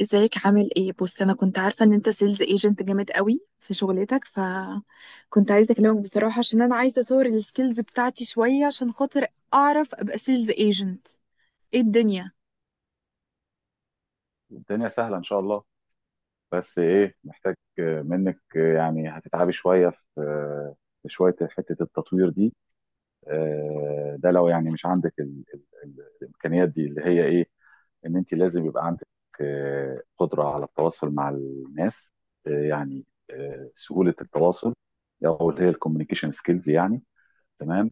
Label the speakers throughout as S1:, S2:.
S1: ازيك؟ عامل ايه؟ بص، انا كنت عارفه ان انت سيلز ايجنت جامد قوي في شغلتك، فكنت عايزه اكلمك بصراحه عشان انا عايزه اطور السكيلز بتاعتي شويه عشان خاطر اعرف ابقى سيلز ايجنت. ايه الدنيا؟
S2: الدنيا سهلة إن شاء الله. بس إيه، محتاج منك يعني هتتعبي شوية في شوية حتة التطوير دي. ده لو يعني مش عندك ال ال ال الإمكانيات دي، اللي هي إيه؟ إن أنت لازم يبقى عندك قدرة على التواصل مع الناس، آه، يعني سهولة التواصل، أو اللي هي الكوميونيكيشن سكيلز يعني. تمام.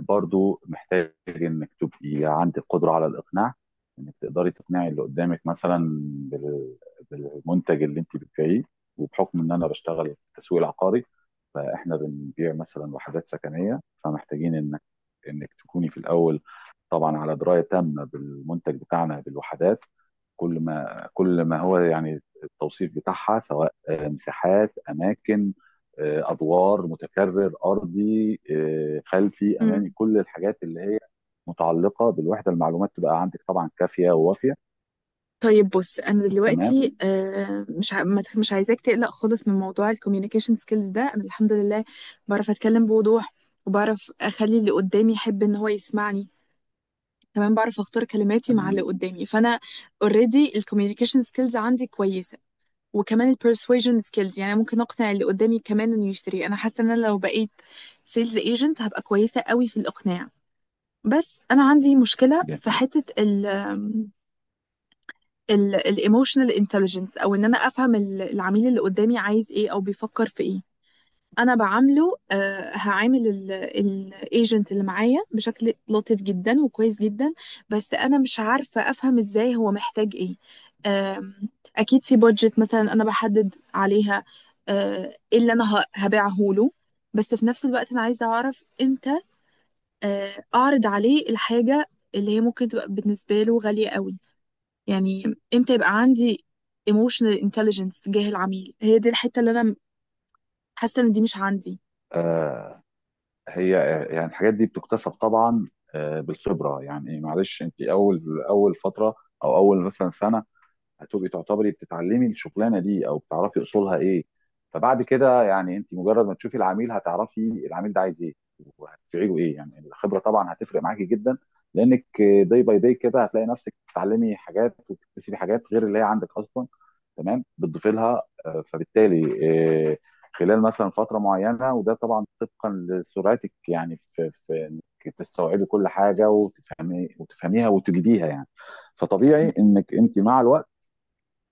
S2: برضو محتاج انك تبقي عندك قدره على الاقناع، انك تقدري تقنعي اللي قدامك مثلا بال- بالمنتج اللي انت بتبيعيه. وبحكم ان انا بشتغل في التسويق العقاري، فاحنا بنبيع مثلا وحدات سكنيه، فمحتاجين انك تكوني في الاول طبعا على درايه تامه بالمنتج بتاعنا، بالوحدات. كل ما هو يعني التوصيف بتاعها، سواء مساحات، اماكن، ادوار، متكرر، ارضي، خلفي، امامي،
S1: مم.
S2: كل الحاجات اللي هي متعلقه بالوحده، المعلومات تبقى عندك طبعا كافيه ووافيه.
S1: طيب، بص، انا
S2: تمام.
S1: دلوقتي مش ما تخ- مش عايزاك تقلق خالص من موضوع الكوميونيكيشن سكيلز ده. انا الحمد لله بعرف اتكلم بوضوح، وبعرف اخلي اللي قدامي يحب ان هو يسمعني، كمان بعرف اختار كلماتي مع
S2: تمام،
S1: اللي قدامي. فانا اوريدي الكوميونيكيشن سكيلز عندي كويسه، وكمان البرسويجن سكيلز، يعني ممكن اقنع اللي قدامي كمان انه يشتري. انا حاسه ان انا لو بقيت سيلز ايجنت هبقى كويسه قوي في الاقناع. بس انا عندي مشكله
S2: جميل.
S1: في حته الايموشنال انتليجنس، او ان انا افهم العميل اللي قدامي عايز ايه او بيفكر في ايه. انا بعامله آه، هعامل الايجنت اللي معايا بشكل لطيف جدا وكويس جدا، بس انا مش عارفه افهم ازاي هو محتاج ايه. آم، اكيد في بادجت مثلا انا بحدد عليها ايه اللي انا هبيعه له، بس في نفس الوقت انا عايزه اعرف امتى اعرض عليه الحاجه اللي هي ممكن تبقى بالنسبه له غاليه قوي، يعني امتى يبقى عندي emotional intelligence تجاه العميل. هي دي الحته اللي انا حاسه ان دي مش عندي.
S2: آه، هي يعني الحاجات دي بتكتسب طبعا بالخبره. يعني معلش، انت اول فتره، او اول مثلا سنه، هتبقي تعتبري بتتعلمي الشغلانه دي او بتعرفي اصولها ايه. فبعد كده، يعني انت مجرد ما تشوفي العميل هتعرفي العميل ده عايز ايه وهتبيعي له ايه. يعني الخبره طبعا هتفرق معاكي جدا، لانك داي باي داي كده هتلاقي نفسك بتتعلمي حاجات وبتكتسبي حاجات غير اللي هي عندك اصلا، تمام، بتضيفي لها. فبالتالي آه، خلال مثلا فتره معينه، وده طبعا طبقا لسرعتك يعني في انك تستوعبي كل حاجه وتفهمي وتفهميها وتجديها يعني. فطبيعي انك انت مع الوقت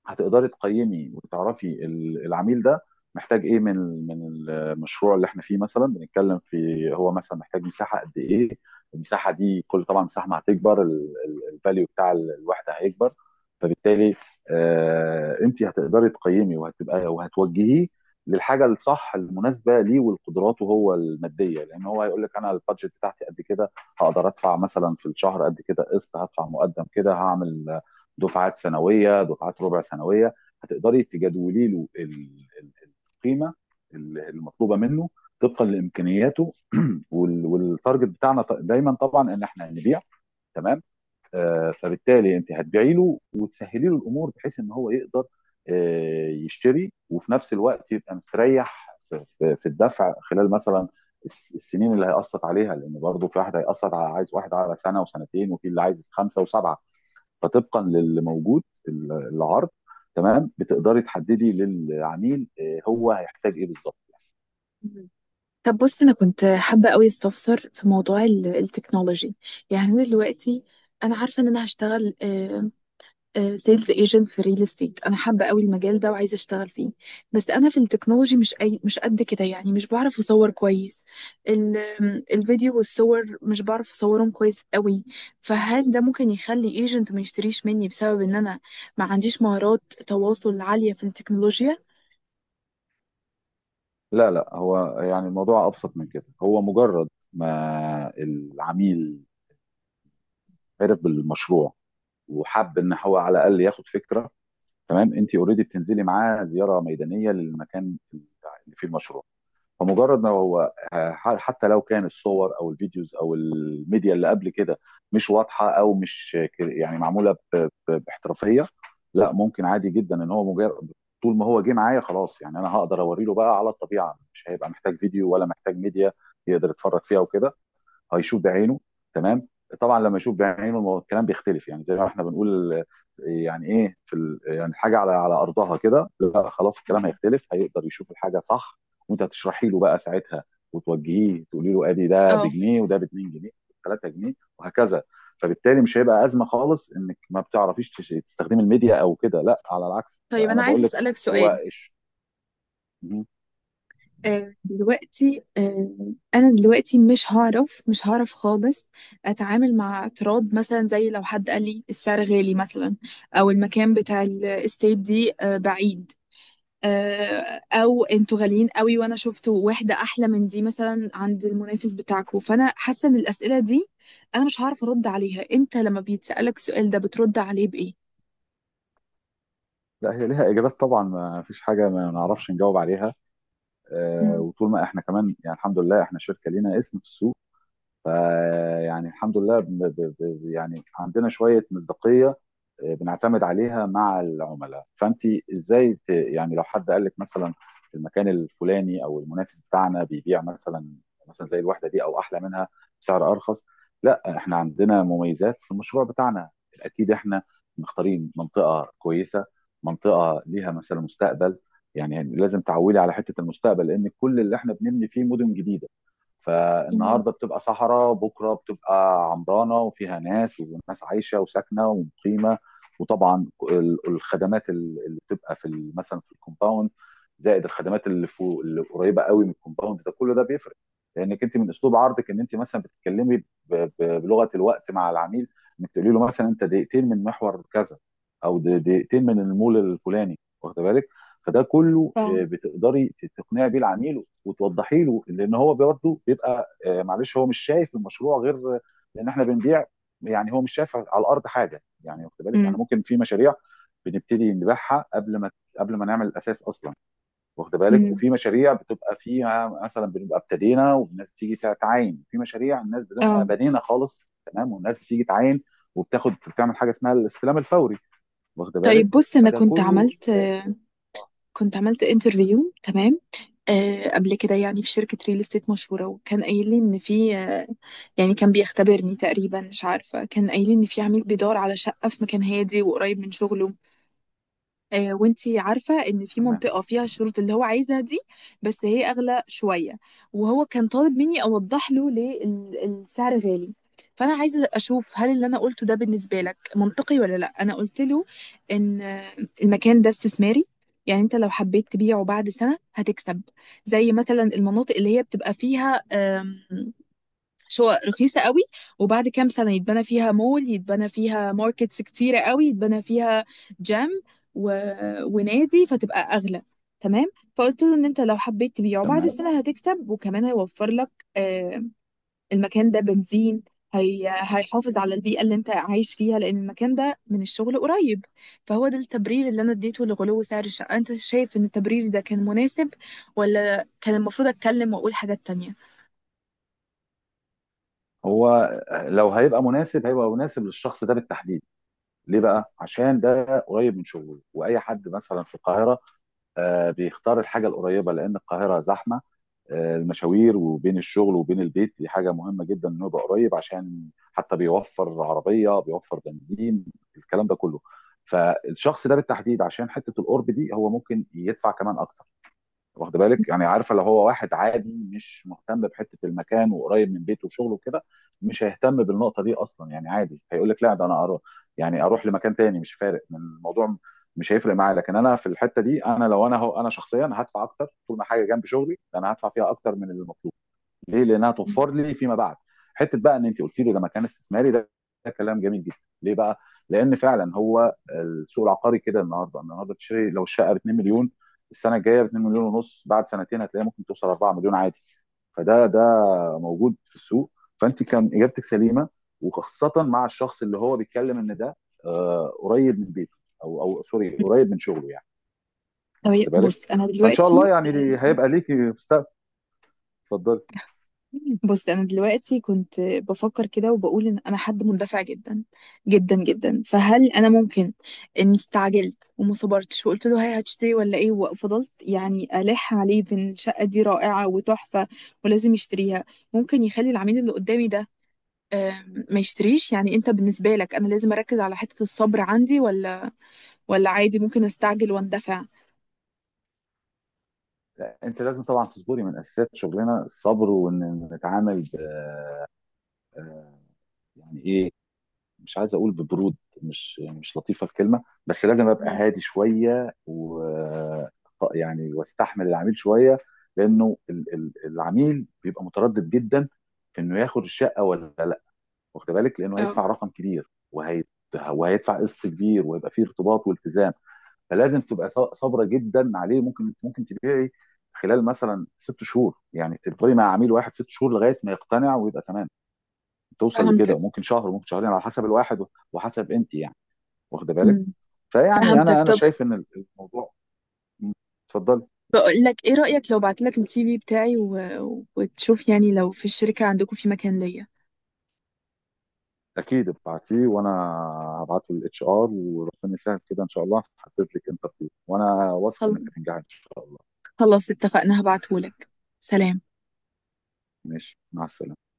S2: هتقدري تقيمي وتعرفي العميل ده محتاج ايه من من المشروع اللي احنا فيه، مثلا بنتكلم في هو مثلا محتاج مساحه قد ايه. المساحه دي، كل طبعا مساحه ما هتكبر، الفاليو بتاع الوحده هيكبر. فبالتالي، انت هتقدري تقيمي وهتوجهيه للحاجه الصح المناسبه ليه ولقدراته هو الماديه، لان هو هيقول لك انا البادجت بتاعتي قد كده، هقدر ادفع مثلا في الشهر قد كده قسط، هدفع مقدم كده، هعمل دفعات سنويه، دفعات ربع سنويه. هتقدري تجدولي له القيمه المطلوبه منه طبقا لامكانياته والتارجت بتاعنا، دايما طبعا ان احنا هنبيع. تمام. فبالتالي انت هتبيعي له وتسهلي له الامور بحيث ان هو يقدر يشتري، وفي نفس الوقت يبقى مستريح في الدفع خلال مثلا السنين اللي هيقسط عليها. لان برضه في واحد هيقسط، على عايز واحد على سنه وسنتين، وفي اللي عايز خمسه وسبعه. فطبقا للي موجود العرض، تمام، بتقدري تحددي للعميل هو هيحتاج ايه بالظبط.
S1: طب، بص، انا كنت حابه قوي استفسر في موضوع التكنولوجي، يعني انا دلوقتي انا عارفه ان انا هشتغل سيلز ايجنت في ريل استيت. انا حابه قوي المجال ده وعايزه اشتغل فيه، بس انا في التكنولوجي مش أي مش قد كده، يعني مش بعرف اصور كويس الفيديو والصور، مش بعرف اصورهم كويس قوي. فهل ده ممكن يخلي ايجنت ما يشتريش مني بسبب ان انا ما عنديش مهارات تواصل عاليه في التكنولوجيا؟
S2: لا، لا، هو يعني الموضوع ابسط من كده. هو مجرد ما العميل عرف بالمشروع وحب ان هو على الاقل ياخد فكره، تمام، انت اوريدي بتنزلي معاه زياره ميدانيه للمكان اللي فيه المشروع. فمجرد ما هو حتى لو كان الصور او الفيديوز او الميديا اللي قبل كده مش واضحه، او مش يعني معموله باحترافيه، لا ممكن عادي جدا ان هو مجرد طول ما هو جه معايا خلاص. يعني انا هقدر اوريله بقى على الطبيعه، مش هيبقى محتاج فيديو ولا محتاج ميديا يقدر يتفرج فيها وكده. هيشوف بعينه. تمام، طبعا لما يشوف بعينه الكلام بيختلف. يعني زي ما احنا بنقول، يعني ايه، في يعني حاجه على ارضها كده، لا خلاص الكلام
S1: مهم.
S2: هيختلف، هيقدر يشوف الحاجه صح. وانت هتشرحي له بقى ساعتها وتوجهيه، تقولي له ادي ده
S1: اه.
S2: بجنيه، وده ب 2 جنيه، 3 جنيه، وهكذا. فبالتالي مش هيبقى ازمه خالص انك ما بتعرفيش تستخدمي الميديا او كده. لا، على العكس
S1: طيب، انا
S2: انا
S1: عايزه
S2: بقول لك.
S1: اسالك
S2: هو
S1: سؤال.
S2: إيش-
S1: دلوقتي انا دلوقتي مش هعرف خالص اتعامل مع اعتراض، مثلا زي لو حد قال لي السعر غالي مثلا، او المكان بتاع الاستيت دي بعيد، او انتوا غاليين قوي وانا شفت واحده احلى من دي مثلا عند المنافس بتاعكم. فانا حاسه ان الاسئله دي انا مش هعرف ارد عليها. انت لما بيتسالك السؤال ده بترد عليه بايه؟
S2: لا، هي ليها اجابات طبعا، ما فيش حاجه ما نعرفش نجاوب عليها.
S1: امم.
S2: وطول ما احنا كمان يعني الحمد لله احنا شركه لينا اسم في السوق، فيعني الحمد لله يعني عندنا شوية مصداقية بنعتمد عليها مع العملاء. فانت يعني لو حد قال لك مثلا في المكان الفلاني، او المنافس بتاعنا بيبيع مثلا زي الوحدة دي او احلى منها بسعر ارخص، لا احنا عندنا مميزات في المشروع بتاعنا. اكيد احنا مختارين منطقة كويسة، منطقة ليها مثلا مستقبل. يعني لازم تعولي على حتة المستقبل، لان كل اللي احنا بنبني فيه مدن جديدة،
S1: امم.
S2: فالنهارده بتبقى صحراء، بكره بتبقى عمرانه وفيها ناس، وناس عايشه وساكنه ومقيمه. وطبعا الخدمات اللي بتبقى في مثلا في الكومباوند، زائد الخدمات اللي فوق اللي قريبه قوي من الكومباوند، ده كله ده بيفرق. لانك انت من اسلوب عرضك ان انت مثلا بتتكلمي بلغه الوقت مع العميل، انك تقولي له مثلا انت دقيقتين من محور كذا، او دقيقتين من المول الفلاني، واخد بالك؟ فده كله
S1: اه.
S2: بتقدري تقنعي بيه العميل وتوضحي له، لان هو برضه بيبقى، معلش، هو مش شايف المشروع غير، لان احنا بنبيع. يعني هو مش شايف على الارض حاجه، يعني واخد بالك؟ احنا
S1: امم.
S2: ممكن في مشاريع بنبتدي نبيعها قبل ما نعمل الاساس اصلا، واخد بالك؟ وفي مشاريع بتبقى فيها مثلا بنبقى ابتدينا والناس بتيجي تعاين، في مشاريع الناس بتبقى
S1: اه.
S2: بنينا خالص تمام والناس بتيجي تعاين وبتاخد، بتعمل حاجه اسمها الاستلام الفوري، واخد
S1: طيب،
S2: بالك؟
S1: بص، انا
S2: فده كله.
S1: كنت عملت انترفيو، تمام، قبل كده، يعني في شركة ريل استيت مشهورة، وكان قايل لي ان في يعني كان بيختبرني تقريبا، مش عارفة، كان قايل لي ان في عميل بيدور على شقة في مكان هادي وقريب من شغله. وانتي عارفة ان في
S2: تمام.
S1: منطقة فيها الشروط اللي هو عايزها دي، بس هي اغلى شوية، وهو كان طالب مني اوضح له ليه السعر غالي. فانا عايزة اشوف هل اللي انا قلته ده بالنسبة لك منطقي ولا لا. انا قلت له ان المكان ده استثماري، يعني انت لو حبيت تبيعه بعد سنة هتكسب، زي مثلا المناطق اللي هي بتبقى فيها مش هو رخيصة قوي، وبعد كام سنة يتبنى فيها مول، يتبنى فيها ماركتس كتيرة قوي، يتبنى فيها جيم و... ونادي، فتبقى أغلى. تمام، فقلت له ان انت لو حبيت تبيعه بعد
S2: تمام.
S1: السنة هتكسب، وكمان هيوفر لك آه، المكان ده بنزين، هيحافظ على البيئة اللي انت عايش فيها لان المكان ده من الشغل قريب. فهو ده التبرير اللي انا اديته لغلو سعر الشقة. انت شايف ان التبرير ده كان مناسب ولا كان المفروض اتكلم واقول حاجات تانية؟
S2: هو لو هيبقى مناسب هيبقى مناسب للشخص ده بالتحديد. ليه بقى؟ عشان ده قريب من شغله، واي حد مثلا في القاهره بيختار الحاجه القريبه، لان القاهره زحمه. المشاوير وبين الشغل وبين البيت دي حاجه مهمه جدا، انه يبقى قريب، عشان حتى بيوفر عربيه، بيوفر بنزين، الكلام ده كله. فالشخص ده بالتحديد، عشان حته القرب دي، هو ممكن يدفع كمان اكتر، واخد بالك؟ يعني عارفه، لو هو واحد عادي مش مهتم بحته المكان وقريب من بيته وشغله وكده، مش هيهتم بالنقطه دي اصلا. يعني عادي هيقول لك لا، ده انا اروح، يعني اروح لمكان تاني، مش فارق من الموضوع، مش هيفرق معايا. لكن انا في الحته دي، انا لو انا هو، انا شخصيا هدفع اكتر، طول ما حاجه جنب شغلي، ده انا هدفع فيها اكتر من اللي المطلوب. ليه؟ لانها توفر لي فيما بعد. حته بقى ان انت قلت لي ده مكان استثماري، ده كلام جميل جدا. ليه بقى؟ لان فعلا هو السوق العقاري كده، النهارده تشتري لو الشقه ب 2 مليون، السنه الجايه ب 2 مليون ونص، بعد سنتين هتلاقيها ممكن توصل 4 مليون عادي. فده موجود في السوق. فانت كان اجابتك سليمه، وخاصه مع الشخص اللي هو بيتكلم ان ده قريب من بيته، او سوري، قريب من شغله يعني،
S1: طب
S2: واخد بالك؟
S1: بص انا
S2: فان شاء الله
S1: دلوقتي
S2: يعني هيبقى ليكي مستقبل. اتفضلي.
S1: بص، انا دلوقتي كنت بفكر كده، وبقول ان انا حد مندفع جدا جدا جدا. فهل انا ممكن اني استعجلت وما صبرتش وقلت له هاي هتشتري ولا ايه، وفضلت يعني الح عليه بان الشقه دي رائعه وتحفه ولازم يشتريها؟ ممكن يخلي العميل اللي قدامي ده آه، ما يشتريش؟ يعني انت بالنسبه لك انا لازم اركز على حته الصبر عندي، ولا عادي ممكن استعجل واندفع؟
S2: لا، انت لازم طبعا تصبري، من اساسيات شغلنا الصبر، وان نتعامل آه، يعني ايه، مش عايز اقول ببرود، مش لطيفه الكلمه، بس لازم ابقى
S1: مم.
S2: هادي شويه و يعني واستحمل العميل شويه، لانه العميل بيبقى متردد جدا في انه ياخد الشقه ولا لا، واخد بالك؟ لانه
S1: اه،
S2: هيدفع رقم كبير وهيدفع قسط كبير، ويبقى فيه ارتباط والتزام. فلازم تبقى صابره جدا عليه. ممكن تبيعي خلال مثلا 6 شهور، يعني تفضلي مع عميل واحد 6 شهور لغايه ما يقتنع ويبقى تمام، توصل لكده.
S1: فهمتك.
S2: وممكن شهر، وممكن شهرين، على حسب الواحد وحسب انت يعني، واخده بالك؟
S1: مم.
S2: فيعني
S1: فهمتك.
S2: انا
S1: طب،
S2: شايف ان الموضوع. اتفضلي.
S1: بقول لك ايه رأيك لو بعت لك الـCV بتاعي وتشوف يعني لو في الشركة عندكم في مكان ليا؟
S2: اكيد ابعتيه، وانا هبعته للاتش ار، وربنا يسهل، كده ان شاء الله هحدد لك انترفيو، وانا واثق
S1: خل-
S2: انك هتنجحي ان شاء الله.
S1: خلاص، اتفقنا، هبعته لك. سلام.
S2: ماشي، مع السلامه.